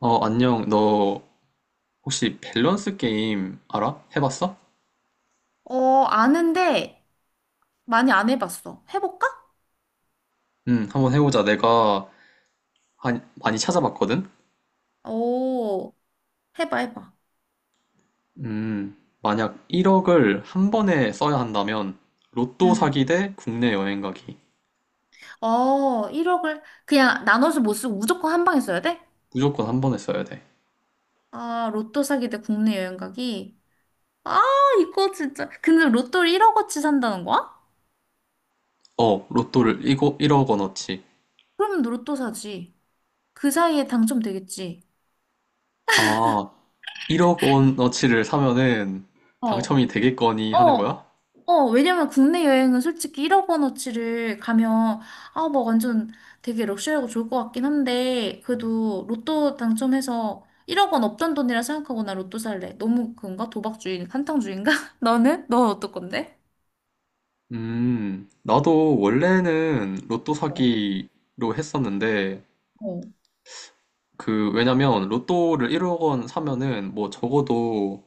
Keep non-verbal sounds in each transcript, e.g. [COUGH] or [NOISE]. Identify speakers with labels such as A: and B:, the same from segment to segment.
A: 어, 안녕. 너 혹시 밸런스 게임 알아? 해봤어?
B: 어, 아는데 많이 안 해봤어. 해볼까?
A: 응, 한번 해보자. 내가 많이 찾아봤거든?
B: 오, 해봐, 해봐.
A: 음, 만약 1억을 한 번에 써야 한다면, 로또
B: 응.
A: 사기 대 국내 여행 가기.
B: 어, 1억을 그냥 나눠서 못 쓰고 무조건 한 방에 써야 돼?
A: 무조건 한 번에 써야 돼.
B: 아, 로또 사기 대 국내 여행 가기. 아, 이거 진짜. 근데 로또를 1억어치 산다는 거야?
A: 어, 로또를 이거 1억 원어치.
B: 그러면 로또 사지. 그 사이에 당첨되겠지.
A: 아, 1억 원어치를 사면은
B: 어,
A: 당첨이 되겠거니 하는
B: 어,
A: 거야?
B: 어, 왜냐면 국내 여행은 솔직히 1억 원어치를 가면, 아, 뭐 완전 되게 럭셔리하고 좋을 것 같긴 한데, 그래도 로또 당첨해서 1억 원 없던 돈이라 생각하고 나 로또 살래. 너무 그건가? 도박주의, 한탕주의인가? [LAUGHS] 너는? 넌 어떨 건데?
A: 나도 원래는 로또
B: 어,
A: 사기로 했었는데,
B: 어.
A: 왜냐면, 로또를 1억 원 사면은, 뭐, 적어도,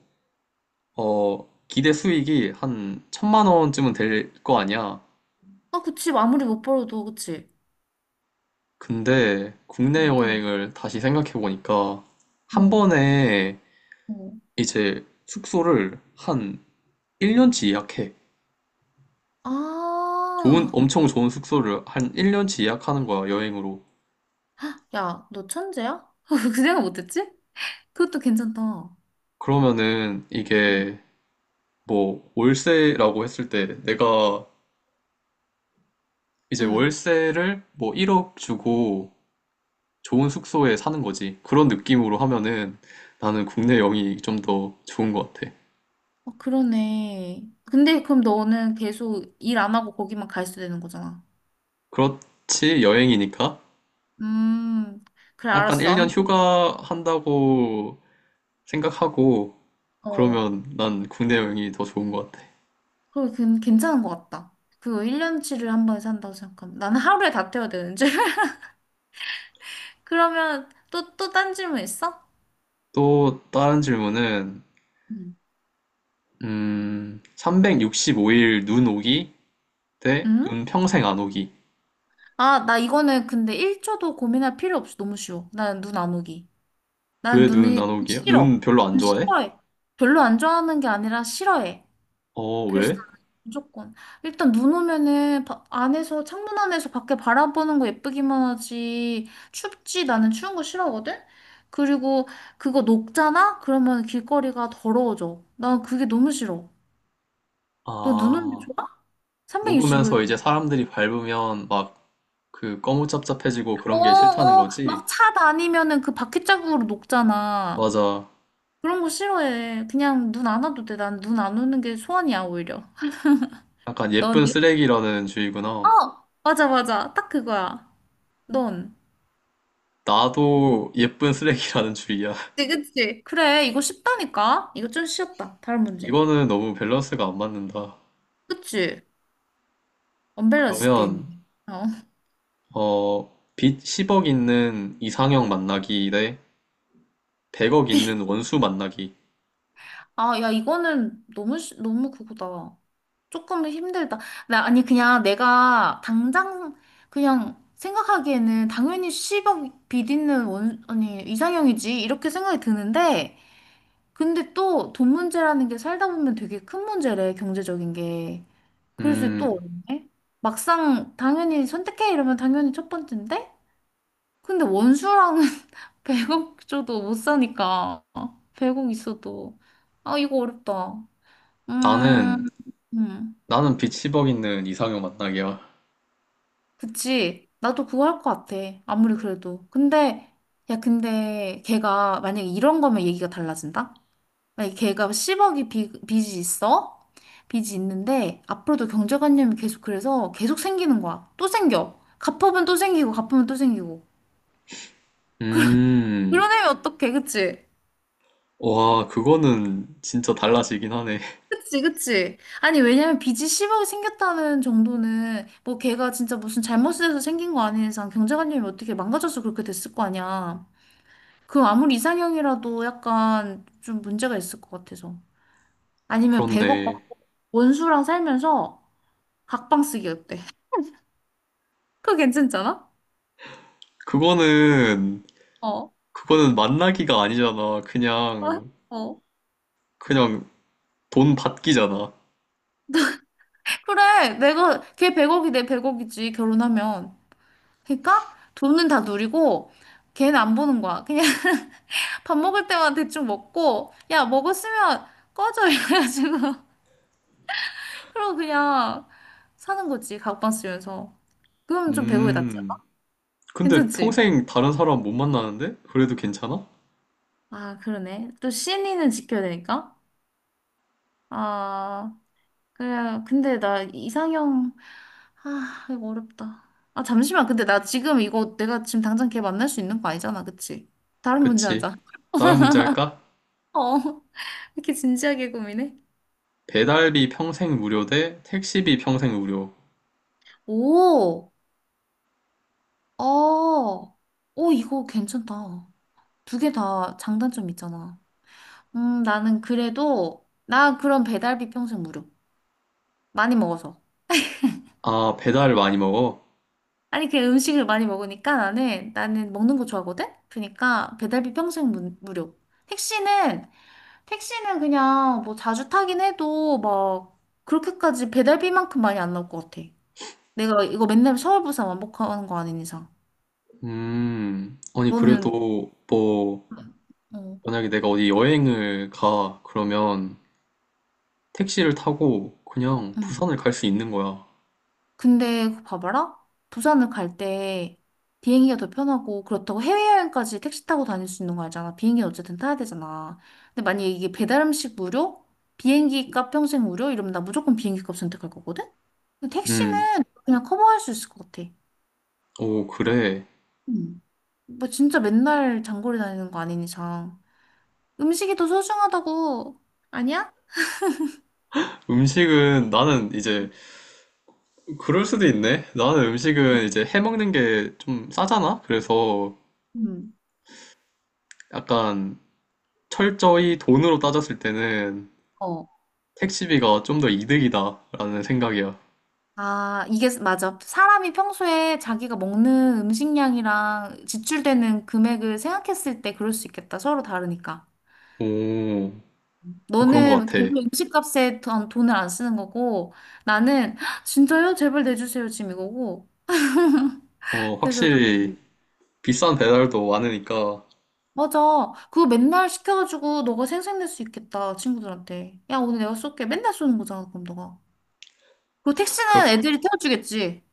A: 기대 수익이 한 천만 원쯤은 될 거 아니야.
B: 아, 그치. 아무리 못 벌어도, 그치.
A: 근데, 국내
B: 어, 근데,
A: 여행을 다시 생각해보니까, 한
B: 어,
A: 번에,
B: 어.
A: 이제, 숙소를 한 1년치 예약해. 좋은,
B: 아,
A: 엄청 좋은 숙소를 한 1년치 예약하는 거야, 여행으로.
B: 야, 너 천재야? [LAUGHS] 그 생각 못했지? 그것도 괜찮다.
A: 그러면은,
B: 응,
A: 이게, 뭐, 월세라고 했을 때, 내가, 이제
B: 응.
A: 월세를 뭐 1억 주고, 좋은 숙소에 사는 거지. 그런 느낌으로 하면은 나는 국내 여행이 좀 더 좋은 것 같아.
B: 어, 그러네. 근데 그럼 너는 계속 일 안 하고 거기만 가 있어야 되는 거잖아.
A: 그렇지, 여행이니까.
B: 음, 그래,
A: 약간
B: 알았어.
A: 1년
B: 아무튼,
A: 휴가 한다고 생각하고
B: 어,
A: 그러면 난 국내 여행이 더 좋은 것 같아.
B: 그래, 괜찮은 것 같다. 그거 1년치를 한 번에 산다고 생각하면. 나는 하루에 다 태워야 되는줄. [LAUGHS] 그러면 또 딴 질문 있어?
A: 또 다른 질문은,
B: 응.
A: 365일 눈 오기 대
B: 응?
A: 눈 평생 안 오기.
B: 아, 나 이거는 근데 1초도 고민할 필요 없이 너무 쉬워. 나는 눈 안 오기. 난
A: 왜 눈
B: 눈이
A: 안 오기야? 눈
B: 싫어.
A: 별로 안 좋아해?
B: 싫어해. 별로 안 좋아하는 게 아니라 싫어해.
A: 어,
B: 그래서
A: 왜?
B: 나는 무조건 일단 눈 오면은 안에서 창문 안에서 밖에 바라보는 거 예쁘기만 하지 춥지, 나는 추운 거 싫어하거든. 그리고 그거 녹잖아. 그러면 길거리가 더러워져. 난 그게 너무 싫어. 너 눈 오는 게
A: 아,
B: 좋아? 365일.
A: 녹으면서 이제 사람들이 밟으면 막 그 거무잡잡해지고 그런 게 싫다는
B: 어어 막
A: 거지?
B: 차 다니면은 그 바퀴 자국으로 녹잖아.
A: 맞아.
B: 그런 거 싫어해. 그냥 눈 안 와도 돼. 난 눈 안 오는 게 소원이야, 오히려.
A: 약간
B: 넌?
A: 예쁜 쓰레기라는
B: 어.
A: 주의구나.
B: 맞아, 맞아. 딱 그거야. 넌?
A: 나도 예쁜 쓰레기라는 주의야.
B: 그치,
A: [LAUGHS]
B: 그치. 그래, 이거 쉽다니까? 이거 좀 쉬웠다. 다른 문제.
A: 이거는 너무 밸런스가 안 맞는다.
B: 그치? 언밸런스
A: 그러면
B: 게임이네. 어.
A: 어, 빚 10억 있는 이상형 만나기 대 100억 있는
B: [LAUGHS]
A: 원수 만나기.
B: 아, 야, 이거는 너무, 너무 그거다. 조금 힘들다. 나, 아니, 그냥 내가 당장, 그냥 생각하기에는 당연히 10억 비디는 원, 아니, 이상형이지. 이렇게 생각이 드는데, 근데 또 돈 문제라는 게 살다 보면 되게 큰 문제래, 경제적인 게. 그래서
A: 음,
B: 또 어렵네. 막상 당연히 선택해 이러면 당연히 첫 번째인데? 근데 원수랑은 [LAUGHS] 100억 줘도 못 사니까. 100억 있어도. 아, 이거 어렵다. 음,
A: 나는
B: 음,
A: 나는 빚 10억 있는 이상형 만나기야.
B: 그치. 나도 그거 할 것 같아. 아무리 그래도. 근데, 야, 근데 걔가 만약에 이런 거면 얘기가 달라진다. 만약에 걔가 10억이 빚이 있어. 빚이 있는데 앞으로도 경제관념이 계속, 그래서 계속 생기는 거야. 또 생겨. 갚으면 또 생기고, 갚으면 또 생기고.
A: 음,
B: 그런 애면 어떡해, 그치?
A: 와, 그거는 진짜 달라지긴 하네. [LAUGHS]
B: 그치, 그치. 아니, 왜냐면 빚이 10억 생겼다는 정도는, 뭐 걔가 진짜 무슨 잘못을 해서 생긴 거 아닌 이상 경제관념이 어떻게 망가져서 그렇게 됐을 거 아니야. 그럼 아무리 이상형이라도 약간 좀 문제가 있을 것 같아서. 아니면 100억
A: 그렇네.
B: 받고 원수랑 살면서 각방 쓰기 어때? [LAUGHS] 그거 괜찮잖아?
A: 그거는
B: 어.
A: 그거는 만나기가 아니잖아.
B: 어?
A: 그냥,
B: 어.
A: 그냥 돈 받기잖아.
B: [LAUGHS] 그래, 내가, 걔 100억이 내 100억이지, 결혼하면. 그러니까 돈은 다 누리고, 걔는 안 보는 거야. 그냥 밥 먹을 때만 대충 먹고, 야, 먹었으면 꺼져. [LAUGHS] 이래가지고. 그리고 그냥 사는 거지. 가옥방 쓰면서. 그럼 좀 배고프게 낫지.
A: 음. 근데
B: 괜찮지?
A: 평생 다른 사람 못 만나는데? 그래도 괜찮아?
B: 아, 그러네. 또신 n 는 지켜야 되니까. 아, 그래. 근데 나 이상형, 아, 이거 어렵다. 아, 잠시만. 근데 나 지금 이거 내가 지금 당장 걔 만날 수 있는 거 아니잖아. 그치? 다른 문제
A: 그치.
B: 하자.
A: 다른 문제 할까?
B: 어. [LAUGHS] 이렇게 진지하게 고민해?
A: 배달비 평생 무료 대 택시비 평생 무료.
B: 오, 어, 오, 이거 괜찮다. 두 개 다 장단점 있잖아. 나는 그래도, 나 그럼 배달비 평생 무료. 많이 먹어서.
A: 아, 배달 많이 먹어?
B: 아니, 그 음식을 많이 먹으니까, 나는 먹는 거 좋아하거든? 그러니까 배달비 평생 무료. 택시는, 택시는 그냥 뭐 자주 타긴 해도 막 그렇게까지 배달비만큼 많이 안 나올 것 같아. 내가 이거 맨날 서울 부산 왕복하는 거 아닌 이상.
A: 음. 아니,
B: 너는,
A: 그래도 뭐,
B: 어,
A: 만약에 내가 어디 여행을 가, 그러면 택시를 타고 그냥
B: 응.
A: 부산을 갈 수 있는 거야.
B: 근데 봐봐라. 부산을 갈 때 비행기가 더 편하고, 그렇다고 해외여행까지 택시 타고 다닐 수 있는 거 알잖아. 비행기는 어쨌든 타야 되잖아. 근데 만약에 이게 배달 음식 무료? 비행기 값 평생 무료? 이러면 나 무조건 비행기 값 선택할 거거든? 근데
A: 음.
B: 택시는 그냥 커버할 수 있을 것 같아.
A: 오, 그래.
B: 음. 뭐 진짜 맨날 장거리 다니는 거 아닌 이상. 음식이 더 소중하다고. 아니야?
A: 음식은 나는 이제 그럴 수도 있네. 나는 음식은 이제 해먹는 게 좀 싸잖아? 그래서
B: 음.
A: 약간 철저히 돈으로 따졌을 때는
B: 어.
A: 택시비가 좀 더 이득이다라는 생각이야.
B: 아, 이게 맞아. 사람이 평소에 자기가 먹는 음식량이랑 지출되는 금액을 생각했을 때 그럴 수 있겠다. 서로 다르니까.
A: 오, 그런 것
B: 너는
A: 같아.
B: 별로 음식값에 돈을 안 쓰는 거고, 나는 "헉, 진짜요? 제발 내주세요. 지금 이거고.
A: 어,
B: 그래서
A: 확실히
B: 나는
A: 비싼 배달도 많으니까.
B: 맞아. 그거 맨날 시켜가지고 너가 생색낼 수 있겠다. 친구들한테. 야, 오늘 내가 쏠게. 맨날 쏘는 거잖아. 그럼 너가. 그리고
A: 그러,
B: 택시는 애들이 태워주겠지.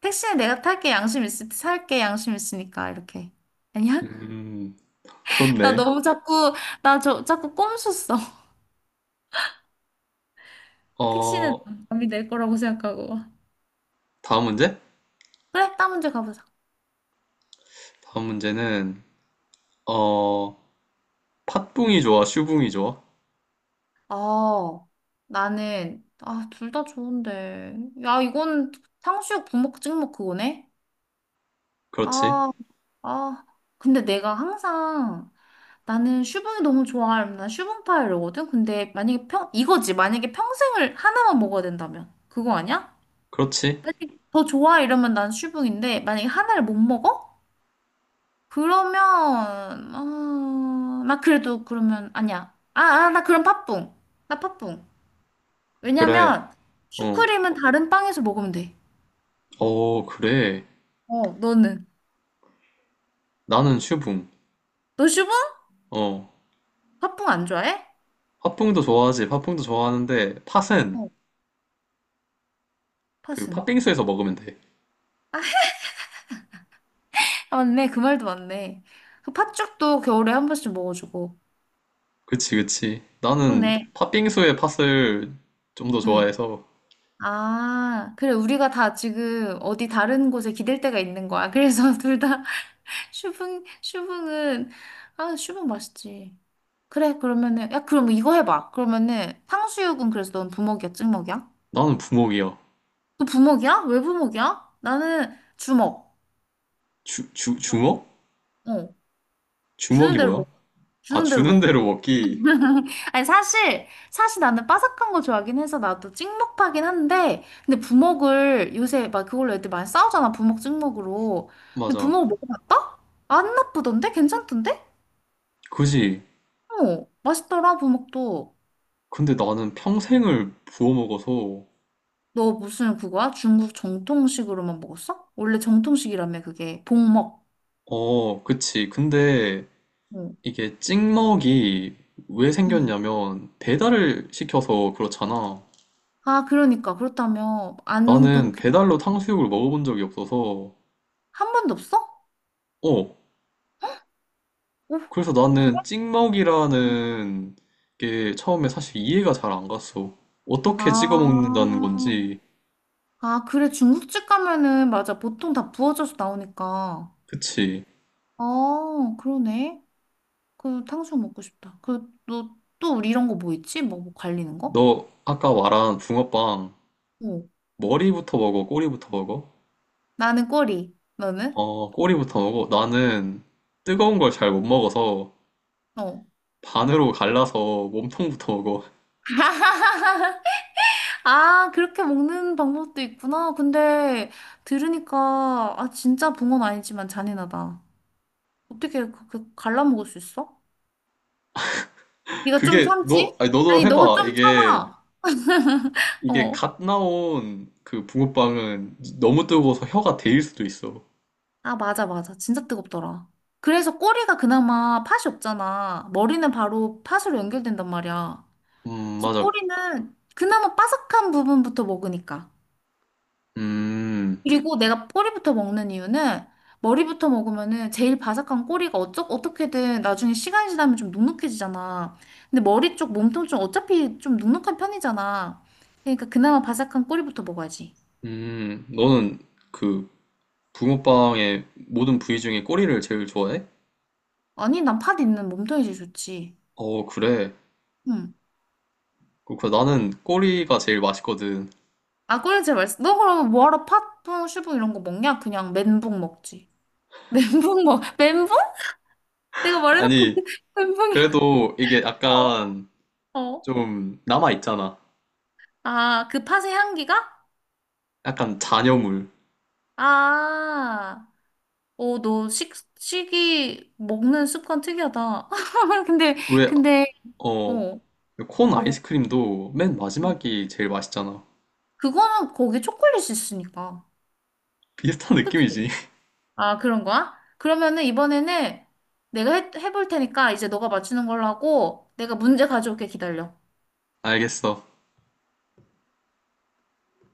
B: 택시는 내가 탈게. 양심 있을 때 살게. 양심 있으니까. 이렇게. 아니야?
A: 음,
B: 나
A: 그렇네.
B: 너무 자꾸, 나 저, 자꾸 꼼수써. [LAUGHS] 택시는
A: 어,
B: 남이 낼 거라고 생각하고.
A: 다음 문제?
B: 그래, 다음 문제 가보자.
A: 다음 문제는, 어, 팥붕이 좋아, 슈붕이 좋아?
B: 어, 나는, 아, 둘 다 좋은데. 야, 이건 탕수육 부먹 찍먹 그거네?
A: 그렇지.
B: 아, 아. 근데 내가 항상, 나는 슈붕이 너무 좋아. 난 슈붕파이 이러거든? 근데 만약에 이거지. 만약에 평생을 하나만 먹어야 된다면. 그거 아니야?
A: 그렇지.
B: 만약에 더 좋아 이러면 난 슈붕인데, 만약에 하나를 못 먹어? 그러면 어, 나 그래도 그러면 아니야. 아, 아, 나 그럼 팥붕. 나 팥붕.
A: 그래.
B: 왜냐면
A: 어,
B: 슈크림은 다른 빵에서 먹으면 돼.
A: 어, 그래.
B: 어, 너는?
A: 나는 슈붕.
B: 너 슈붕?
A: 어,
B: 팥붕 안 좋아해?
A: 팥붕도 좋아하지. 팥붕도 좋아하는데 팥은
B: 어,
A: 그
B: 팥은.
A: 팥빙수에서 먹으면 돼.
B: 아, 맞네. 그 말도 맞네. 그 팥죽도 겨울에 한 번씩 먹어주고.
A: 그치, 그치. 나는
B: 그러네.
A: 팥빙수의 팥을 좀 더
B: 응.
A: 좋아해서
B: 아, 그래. 우리가 다 지금 어디 다른 곳에 기댈 데가 있는 거야. 그래서 [LAUGHS] 둘 다 슈붕은, 아, 슈붕 맛있지. 그래, 그러면은, 야, 그럼 이거 해봐. 그러면은, 탕수육은 그래서 넌 부먹이야, 찍먹이야?
A: 나는 부먹이야.
B: 너 부먹이야? 왜 부먹이야? 나는 주먹.
A: 주먹?
B: 어, 주는
A: 주먹이
B: 대로
A: 뭐야?
B: 먹,
A: 아,
B: 주는 대로
A: 주는
B: 먹는
A: 대로
B: 거.
A: 먹기.
B: [LAUGHS] 아니, 사실 나는 바삭한 거 좋아하긴 해서 나도 찍먹파긴 한데, 근데 부먹을 요새 막 그걸로 애들 많이 싸우잖아, 부먹 찍먹으로. 근데
A: 맞아.
B: 부먹 먹어봤다? 안 나쁘던데? 괜찮던데?
A: 그지.
B: 어, 맛있더라, 부먹도.
A: 근데 나는 평생을 부어 먹어서
B: 너 무슨 그거야? 중국 정통식으로만 먹었어? 원래 정통식이라며. 그게 복먹.
A: 어, 그치. 근데
B: 어.
A: 이게 찍먹이 왜
B: 응.
A: 생겼냐면 배달을 시켜서 그렇잖아.
B: 아, 그러니까 그렇다며
A: 나는
B: 안농독회.
A: 배달로 탕수육을 먹어본 적이 없어서
B: 한 번도 없어?
A: 어,
B: 오,
A: 그래서
B: 그래?
A: 나는 찍먹이라는 게 처음에 사실 이해가 잘 안 갔어. 어떻게 찍어
B: 아,
A: 먹는다는 건지.
B: 아, 그래. 중국집 가면은 맞아, 보통 다 부어져서 나오니까.
A: 그치.
B: 아, 그러네. 그 탕수육 먹고 싶다. 그, 너 또 우리 이런 거 뭐 있지? 뭐 갈리는 거?
A: 너 아까 말한 붕어빵,
B: 어.
A: 머리부터 먹어, 꼬리부터 먹어?
B: 나는 꼬리. 너는?
A: 어, 꼬리부터 먹어. 나는 뜨거운 걸 잘 못 먹어서
B: 어.
A: 반으로 갈라서 몸통부터 먹어.
B: 아, 그렇게 먹는 방법도 있구나. 근데 들으니까, 아, 진짜 붕어는 아니지만 잔인하다. 어떻게 그렇게 갈라먹을 수 있어?
A: [LAUGHS]
B: 네가 좀
A: 그게,
B: 참지?
A: 너, 아니, 너도
B: 아니, 너가
A: 해봐.
B: 좀 참아.
A: 이게
B: 어.
A: 갓 나온 그 붕어빵은 너무 뜨거워서 혀가 데일 수도 있어.
B: 아, 맞아, 맞아. 진짜 뜨겁더라. 그래서 꼬리가 그나마 팥이 없잖아. 머리는 바로 팥으로 연결된단 말이야. 그래서
A: 맞아.
B: 꼬리는 그나마 바삭한 부분부터 먹으니까.
A: 음.
B: 그리고 내가 꼬리부터 먹는 이유는 머리부터 먹으면은 제일 바삭한 꼬리가 어떻게든 나중에 시간이 지나면 좀 눅눅해지잖아. 근데 머리 쪽 몸통 좀 어차피 좀 눅눅한 편이잖아. 그러니까 그나마 바삭한 꼬리부터 먹어야지.
A: 너는 그 붕어빵의 모든 부위 중에 꼬리를 제일 좋아해?
B: 아니, 난 팥 있는 몸통이 제일 좋지.
A: 어, 그래.
B: 응.
A: 그렇구나. 나는 꼬리가 제일 맛있거든.
B: 아, 꼬리 제일 맛있어. 너 그럼 뭐하러 팥붕, 슈붕 이런 거 먹냐? 그냥 멘붕 먹지. [LAUGHS] 멘붕? 내가
A: [LAUGHS]
B: 말해놓고
A: 아니,
B: [LAUGHS] 멘붕이야.
A: 그래도 이게 약간
B: 어? 어.
A: 좀 남아있잖아.
B: 아, 그 팥의 향기가?
A: 약간 잔여물.
B: 아. 어, 너 식이 먹는 습관 특이하다. [LAUGHS] 근데,
A: 왜,
B: 근데, 어,
A: 어,
B: 어,
A: 콘
B: 어.
A: 아이스크림도 맨 마지막이 제일 맛있잖아.
B: 그거는 거기 초콜릿이 있으니까.
A: 비슷한
B: 그치?
A: 느낌이지. [LAUGHS]
B: 아, 그런 거야? 그러면은 이번에는 내가 해볼 테니까 이제 너가 맞추는 걸로 하고 내가 문제 가져올게. 기다려.
A: 알겠어.